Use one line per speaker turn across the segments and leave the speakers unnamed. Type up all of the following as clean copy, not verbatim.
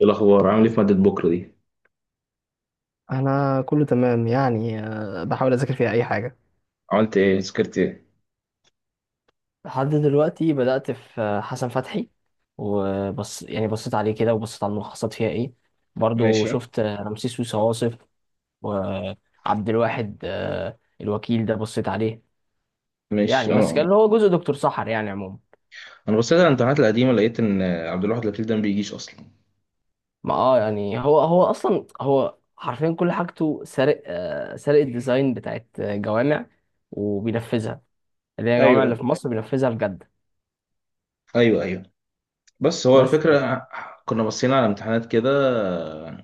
ايه الاخبار، عامل ايه في ماده بكره دي؟
انا كله تمام يعني بحاول اذاكر فيها اي حاجه.
عملت ايه؟ ذاكرت ايه؟
لحد دلوقتي بدأت في حسن فتحي. وبص يعني بصيت عليه كده وبصيت على الملخصات فيها ايه. برضو
ماشي.
شفت رمسيس سويسة واصف، وعبد الواحد الوكيل ده بصيت عليه.
مش
يعني بس
انا.
كان هو جزء دكتور سحر يعني عموما.
انا بصيت على الامتحانات القديمه، لقيت ان عبد الواحد لطيف ده ما بيجيش اصلا.
ما يعني هو اصلا، هو حرفيا كل حاجته سارق، سارق الديزاين بتاعت جوامع وبينفذها. اللي هي الجوامع اللي
ايوه.
في مصر بينفذها بجد.
ايوه ايوه. بس هو
بس كده.
الفكره، كنا بصينا على امتحانات كده،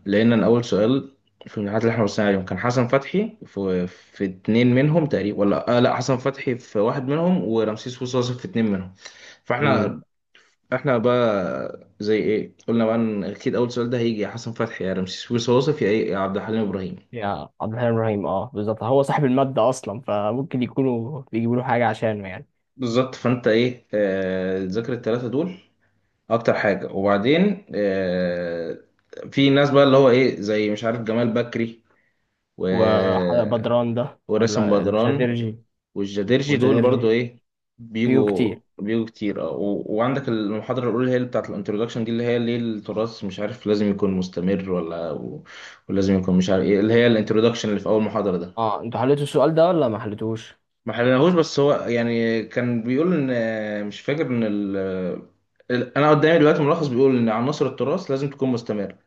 لقينا ان اول سؤال في الامتحانات اللي احنا بصينا عليهم كان حسن فتحي في اتنين منهم تقريبا، ولا لا حسن فتحي في واحد منهم، ورمسيس وصوصي في اتنين منهم. فاحنا احنا بقى زي ايه قلنا بقى ان اكيد اول سؤال ده هيجي يا حسن فتحي يا رمسيس وصوصف يا ايه يا عبد الحليم ابراهيم.
يا عبد الحليم ابراهيم، اه بالظبط، هو صاحب المادة اصلا، فممكن يكونوا بيجيبوا له حاجة عشانه يعني.
بالظبط. فانت ايه ذاكر الثلاثه دول اكتر حاجه. وبعدين في ناس بقى اللي هو ايه زي مش عارف جمال بكري و
وبدران ده
وراسم
ولا
بدران
الجديرجي؟
والجديرجي، دول برضو
والجديرجي
ايه،
فيه
بيجوا
كتير.
بيجوا كتير. اه وعندك المحاضرة الأولى، هي اللي بتاعت الانترودكشن دي، اللي هي ليه التراث مش عارف لازم يكون مستمر ولا ولازم يكون مش عارف ايه، اللي هي الانترودكشن اللي في أول محاضرة ده.
اه، انتوا حليتوا السؤال ده ولا ما حليتوش؟
ما حلناهوش، بس هو يعني كان بيقول إن، مش فاكر إن أنا قدامي دلوقتي ملخص بيقول إن عناصر التراث لازم تكون مستمرة،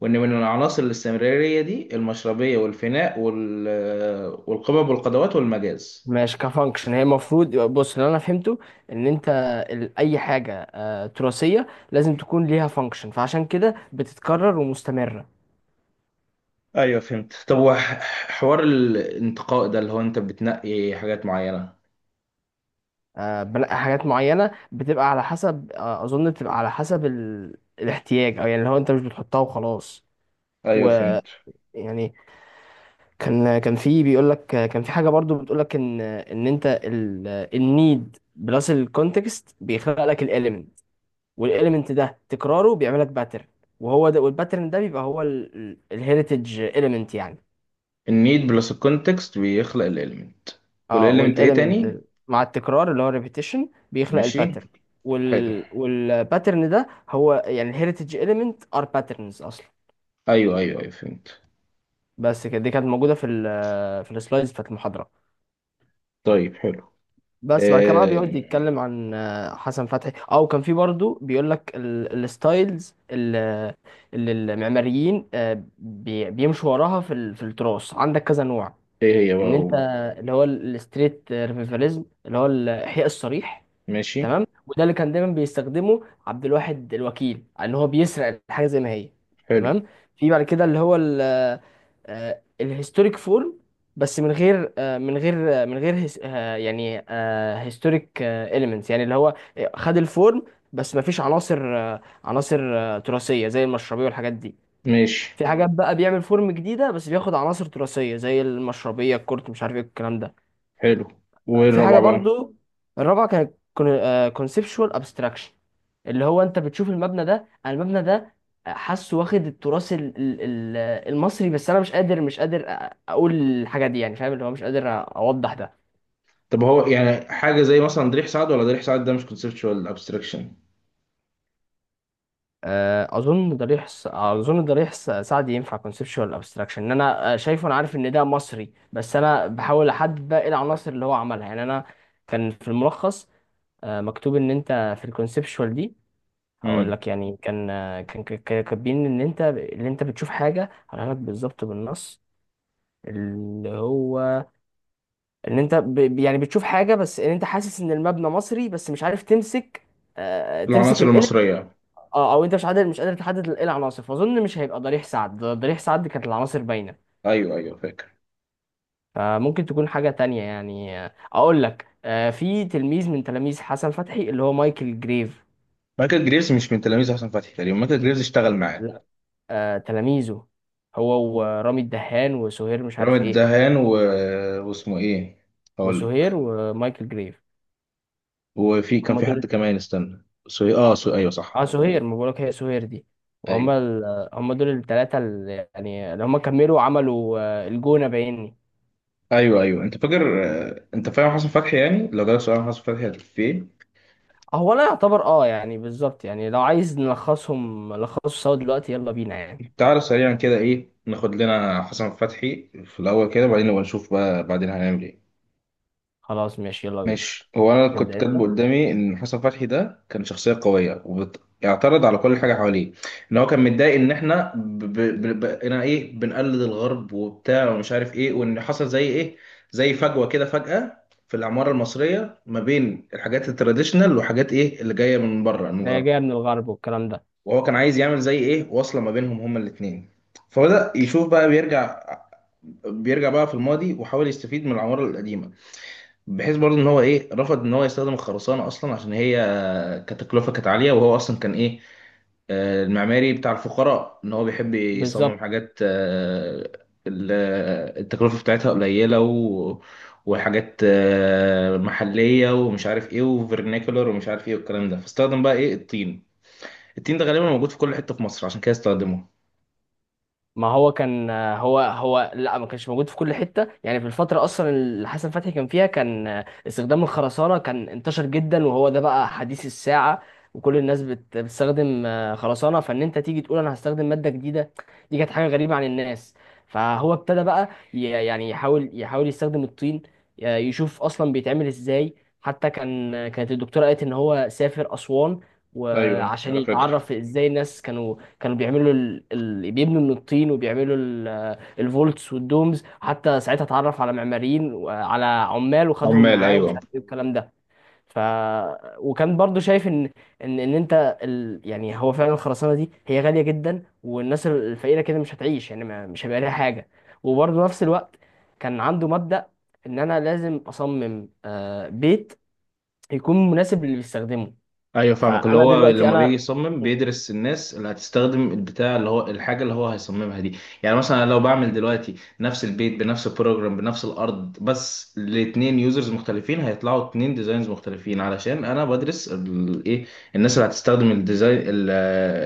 وإن من عناصر الاستمرارية دي المشربية والفناء والقبب والقدوات والمجاز.
ماشي، كفانكشن هي المفروض. بص، اللي انا فهمته ان انت اي حاجة تراثية لازم تكون ليها فانكشن، فعشان كده بتتكرر ومستمرة.
ايوه فهمت. طب حوار الانتقاء ده اللي هو انت بتنقي حاجات معينة.
بنقي حاجات معينة، بتبقى على حسب، اظن بتبقى على حسب الاحتياج، او يعني اللي هو انت مش بتحطها وخلاص.
ايوه فهمت.
يعني كان في بيقول لك، كان في حاجه برضو بتقول لك ان انت النيد بلس الكونتكست بيخلق لك الاليمنت، والاليمنت ده تكراره بيعمل لك باترن، وهو ده والباترن ده بيبقى هو الهيريتج اليمنت يعني.
النيد بلس الكونتكست بيخلق الاليمنت.
اه،
والاليمنت ايه
والاليمنت
تاني؟
مع التكرار اللي هو ريبيتيشن بيخلق
ماشي.
الباترن،
حلو.
وال والباترن ده هو يعني الهيريتج اليمنت ار باترنز اصلا.
ايوه ايوه ايوه فهمت.
بس كده. دي كانت موجوده في ال في السلايدز بتاعت المحاضره.
طيب حلو.
بس بعد كده بقى بيقعد
آه...
يتكلم عن حسن فتحي. او كان في برضه بيقول لك الستايلز اللي المعماريين بيمشوا وراها في في التراث، عندك كذا نوع.
ايه هي بقى
ان انت
اقول.
اللي هو الستريت ريفيفاليزم، اللي هو الاحياء الصريح.
ماشي.
تمام، وده اللي كان دايما بيستخدمه عبد الواحد الوكيل، ان هو بيسرق الحاجه زي ما هي.
حلو.
تمام. في بعد كده اللي هو الهيستوريك فورم، بس من غير آه، من غير آه، من غير هيس- آه، يعني هيستوريك اليمنتس. يعني اللي هو خد الفورم بس ما فيش عناصر تراثيه زي المشربيه والحاجات دي.
ماشي
في حاجات بقى بيعمل فورم جديده بس بياخد عناصر تراثيه زي المشربيه، الكورت، مش عارف ايه الكلام ده.
حلو. وايه
في حاجه
الرابعة بقى؟
برضو. الرابعه كانت كونسبشوال ابستراكشن. اللي هو انت بتشوف المبنى ده، انا المبنى ده حاسه، واخد التراث المصري، بس انا مش قادر اقول الحاجه دي، يعني فاهم؟ اللي هو مش قادر اوضح ده.
طب هو يعني حاجة زي مثلا ضريح سعد، ولا ضريح سعد ده مش كونسبشوال ابستراكشن؟
اظن ضريح سعدي ينفع كونسبشوال ابستراكشن، ان انا شايفه، انا عارف ان ده مصري، بس انا بحاول احدد بقى ايه العناصر اللي هو عملها. يعني انا كان في الملخص مكتوب ان انت في الكونسبشوال دي، هقول
امم.
لك يعني. كان كانوا كاتبين ان انت اللي انت بتشوف حاجه، هقولها لك بالظبط بالنص، اللي هو ان انت يعني بتشوف حاجه، بس ان انت حاسس ان المبنى مصري بس مش عارف تمسك، تمسك
العناصر
القلم.
المصرية.
اه، او انت مش قادر تحدد ايه العناصر. فاظن مش هيبقى ضريح سعد، ضريح سعد كانت العناصر باينه.
ايوه ايوه فاكر.
فممكن تكون حاجه تانية. يعني اقول لك، في تلميذ من تلاميذ حسن فتحي اللي هو مايكل جريف.
مايكل جريفز مش من تلاميذ حسن فتحي تقريبا، مايكل جريفز اشتغل معاه.
لا، تلاميذه هو ورامي الدهان وسهير مش
رامي
عارف ايه،
الدهان واسمه ايه؟ هقول
وسهير
لك.
ومايكل جريف،
وفي كان
هم
في
دول.
حد كمان، استنى، سوي، اه، سوي، ايوه صح،
اه سهير،
ايوه.
ما بقولك هي سهير دي. وهم
ايوه
ال... هم دول الثلاثة اللي يعني اللي هم كملوا وعملوا الجونة بعيني.
ايوه ايوه. انت فاكر انت فاهم حسن فتحي؟ يعني لو جالك سؤال عن حسن فتحي هتقول في ايه؟
هو انا يعتبر اه يعني بالظبط. يعني لو عايز نلخصهم، نلخصه سوا دلوقتي، يلا بينا يعني.
تعالى سريعا كده، ايه ناخد لنا حسن فتحي في الاول كده، وبعدين نبقى نشوف بقى بعدين هنعمل ايه.
خلاص ماشي، يلا بينا.
ماشي. هو انا كنت
تبدأ انت.
كاتبه قدامي ان حسن فتحي ده كان شخصيه قويه، وبيعترض على كل حاجه حواليه. ان هو كان متضايق ان احنا انا ايه بنقلد الغرب وبتاع ومش عارف ايه، وان حصل زي ايه، زي فجوه كده، فجاه في العماره المصريه ما بين الحاجات التراديشنال وحاجات ايه اللي جايه من بره، من
ده
الغرب.
جاية من الغرب والكلام ده،
وهو كان عايز يعمل زي ايه واصله ما بينهم هما الاثنين. فبدأ يشوف بقى، بيرجع بقى في الماضي، وحاول يستفيد من العماره القديمه. بحيث برضه ان هو ايه رفض ان هو يستخدم الخرسانه اصلا، عشان هي كتكلفه كانت عاليه، وهو اصلا كان ايه المعماري بتاع الفقراء، ان هو بيحب يصمم
بالظبط.
حاجات التكلفه بتاعتها قليله، وحاجات محليه ومش عارف ايه وفرنيكولر ومش عارف ايه والكلام ده. فاستخدم بقى ايه الطين. الطين ده غالبا موجود في كل حته في مصر، عشان كده استخدمه.
ما هو كان هو لا، ما كانش موجود في كل حته. يعني في الفتره اصلا اللي حسن فتحي كان فيها، كان استخدام الخرسانه كان انتشر جدا، وهو ده بقى حديث الساعه، وكل الناس بتستخدم خرسانه، فان انت تيجي تقول انا هستخدم ماده جديده، دي كانت حاجه غريبه عن الناس. فهو ابتدى بقى يعني يحاول يستخدم الطين، يشوف اصلا بيتعمل ازاي. حتى كانت الدكتوره قالت ان هو سافر اسوان،
ايوه
وعشان
انا فاكر.
يتعرف ازاي الناس كانوا بيعملوا بيبنوا من الطين، وبيعملوا الفولتس والدومز. حتى ساعتها اتعرف على معماريين وعلى عمال وخدهم
عمال،
معاه، ومش
ايوه.
عارف ايه الكلام ده. ف وكان برضو شايف ان ان انت يعني هو فعلا الخرسانه دي هي غاليه جدا، والناس الفقيره كده مش هتعيش. يعني ما... مش هيبقى ليها حاجه. وبرضو نفس الوقت كان عنده مبدأ، ان انا لازم اصمم بيت يكون مناسب للي بيستخدمه.
ايوه فاهمك، اللي
فانا
هو
دلوقتي
لما بيجي
انا
يصمم
آه،
بيدرس الناس اللي هتستخدم البتاع اللي هو الحاجه اللي هو هيصممها دي. يعني مثلا أنا لو بعمل دلوقتي نفس البيت بنفس البروجرام بنفس الارض بس لاتنين يوزرز مختلفين، هيطلعوا اتنين ديزاينز مختلفين، علشان انا بدرس الايه، الناس اللي هتستخدم الديزاين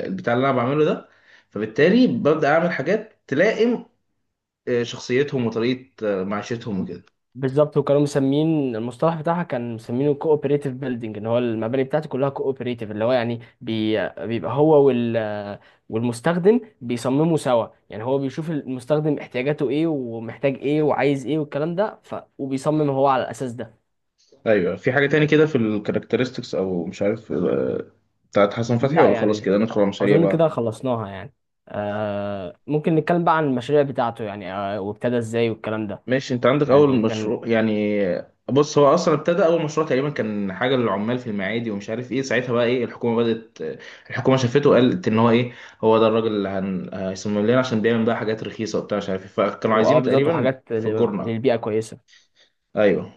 البتاع اللي انا بعمله ده. فبالتالي ببدا اعمل حاجات تلائم شخصيتهم وطريقه معيشتهم وكده.
بالظبط. وكانوا مسمين المصطلح بتاعها، كان مسمينه كوبريتيف بيلدينج، ان هو المباني بتاعته كلها كوبريتيف، اللي هو يعني بيبقى هو والمستخدم بيصمموا سوا. يعني هو بيشوف المستخدم احتياجاته ايه ومحتاج ايه وعايز ايه والكلام ده، وبيصمم هو على الاساس ده.
ايوه. في حاجه تاني كده في الكاركترستكس او مش عارف بتاعت حسن فتحي،
لا
ولا خلاص
يعني،
كده ندخل على المشاريع
اظن
بقى؟
كده خلصناها يعني. ممكن نتكلم بقى عن المشاريع بتاعته، يعني آه، وابتدى ازاي والكلام ده.
ماشي. انت عندك اول
يعني كان.
مشروع يعني؟ بص، هو اصلا ابتدى اول مشروع تقريبا كان حاجه للعمال في المعادي ومش عارف ايه. ساعتها بقى ايه الحكومه بدات، الحكومه شافته وقالت ان هو ايه، هو ده الراجل اللي هيصمم لنا، عشان بيعمل بقى حاجات رخيصه وبتاع مش عارف ايه، فكانوا
واه
عايزينه
بالظبط،
تقريبا
وحاجات
في الجورنه.
للبيئة كويسة.
ايوه.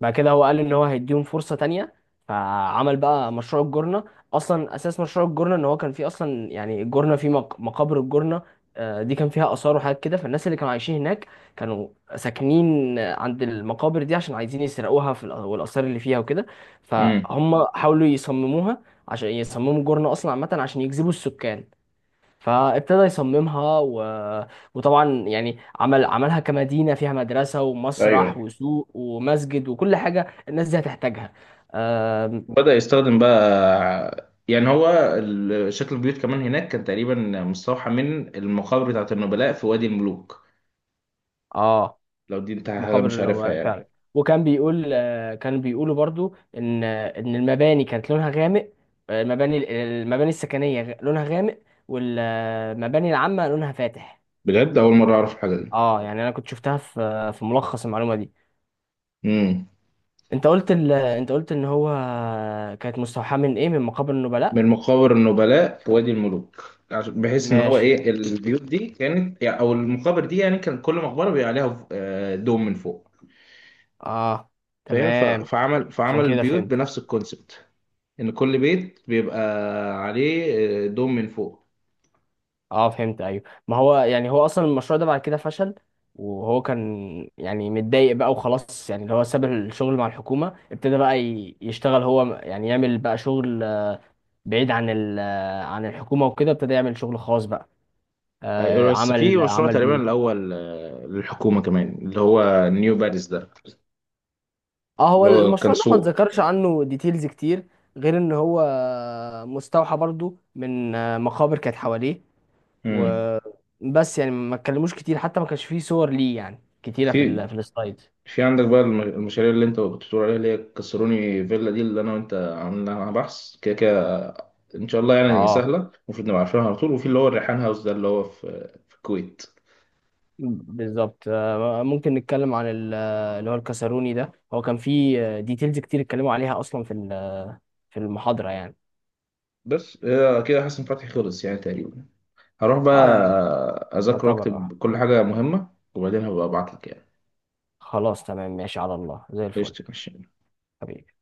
بعد كده هو قال ان هو هيديهم فرصه تانية، فعمل بقى مشروع الجورنه. اصلا اساس مشروع الجورنه ان هو كان فيه اصلا، يعني الجورنه فيه مقابر الجورنه دي كان فيها اثار وحاجات كده. فالناس اللي كانوا عايشين هناك كانوا ساكنين عند المقابر دي عشان عايزين يسرقوها في والاثار اللي فيها وكده.
امم.
فهم حاولوا يصمموها، عشان يصمموا جورنه اصلا عامه عشان يجذبوا السكان. فابتدى يصممها وطبعا يعني عملها كمدينة فيها مدرسة ومسرح
ايوه.
وسوق ومسجد وكل حاجة الناس دي هتحتاجها. آم،
بدأ يستخدم بقى يعني هو شكل البيوت كمان هناك كان تقريبا مستوحى من المقابر بتاعت النبلاء في وادي الملوك.
اه،
لو دي انت حاجة
مقابر
مش عارفها
النبلاء
يعني.
فعلا. وكان بيقول، كان بيقولوا برضو، ان المباني كانت لونها غامق. المباني السكنية لونها غامق، والمباني العامة لونها فاتح.
بجد أول مرة أعرف الحاجة دي.
اه، يعني انا كنت شفتها في ملخص المعلومة دي.
مم.
انت قلت انت قلت ان هو كانت مستوحاة من ايه، من مقابر
من
النبلاء.
مقابر النبلاء في وادي الملوك. بحيث إن هو
ماشي،
إيه البيوت دي كانت يعني، أو المقابر دي يعني، كان كل مقبرة بيبقى عليها دوم من فوق.
اه،
فاهم.
تمام.
فعمل
عشان
فعمل
كده
البيوت
فهمت.
بنفس الكونسبت، إن كل بيت بيبقى عليه دوم من فوق.
اه فهمت، ايوه. ما هو يعني هو اصلا المشروع ده بعد كده فشل، وهو كان يعني متضايق بقى وخلاص. يعني اللي هو ساب الشغل مع الحكومة، ابتدى بقى يشتغل هو، يعني يعمل بقى شغل بعيد عن ال آه، عن الحكومة وكده. ابتدى يعمل شغل خاص بقى،
أيوة، بس في مشروع
عمل
تقريبا
بيوت.
الاول للحكومه كمان، اللي هو نيو باريس ده،
اه، هو
اللي هو كان
المشروع ده ما
سوق.
اتذكرش عنه ديتيلز كتير، غير ان هو مستوحى برضو من مقابر كانت حواليه.
امم.
وبس يعني ما اتكلموش كتير، حتى ما كانش فيه صور ليه يعني كتيرة
في
في السلايد.
في عندك بقى المشاريع اللي انت كنت بتقول عليها اللي هي كسروني فيلا دي، اللي انا وانت عاملينها بحث كده كده، ان شاء الله يعني
اه
سهله. المفروض نبقى عارفينها على طول. وفي اللي هو الريحان هاوس ده، اللي هو في الكويت.
بالظبط. ممكن نتكلم عن اللي هو الكاسروني ده، هو كان فيه ديتيلز كتير اتكلموا عليها اصلا في المحاضرة يعني.
بس هي كده حسن فتحي خلص يعني تقريبا. هروح
اه
بقى
يعني
اذاكر
يعتبر اه.
واكتب كل حاجه مهمه، وبعدين هبقى ابعت لك يعني.
خلاص تمام، ماشي على الله، زي الفل،
قشطة، ماشي.
حبيبي.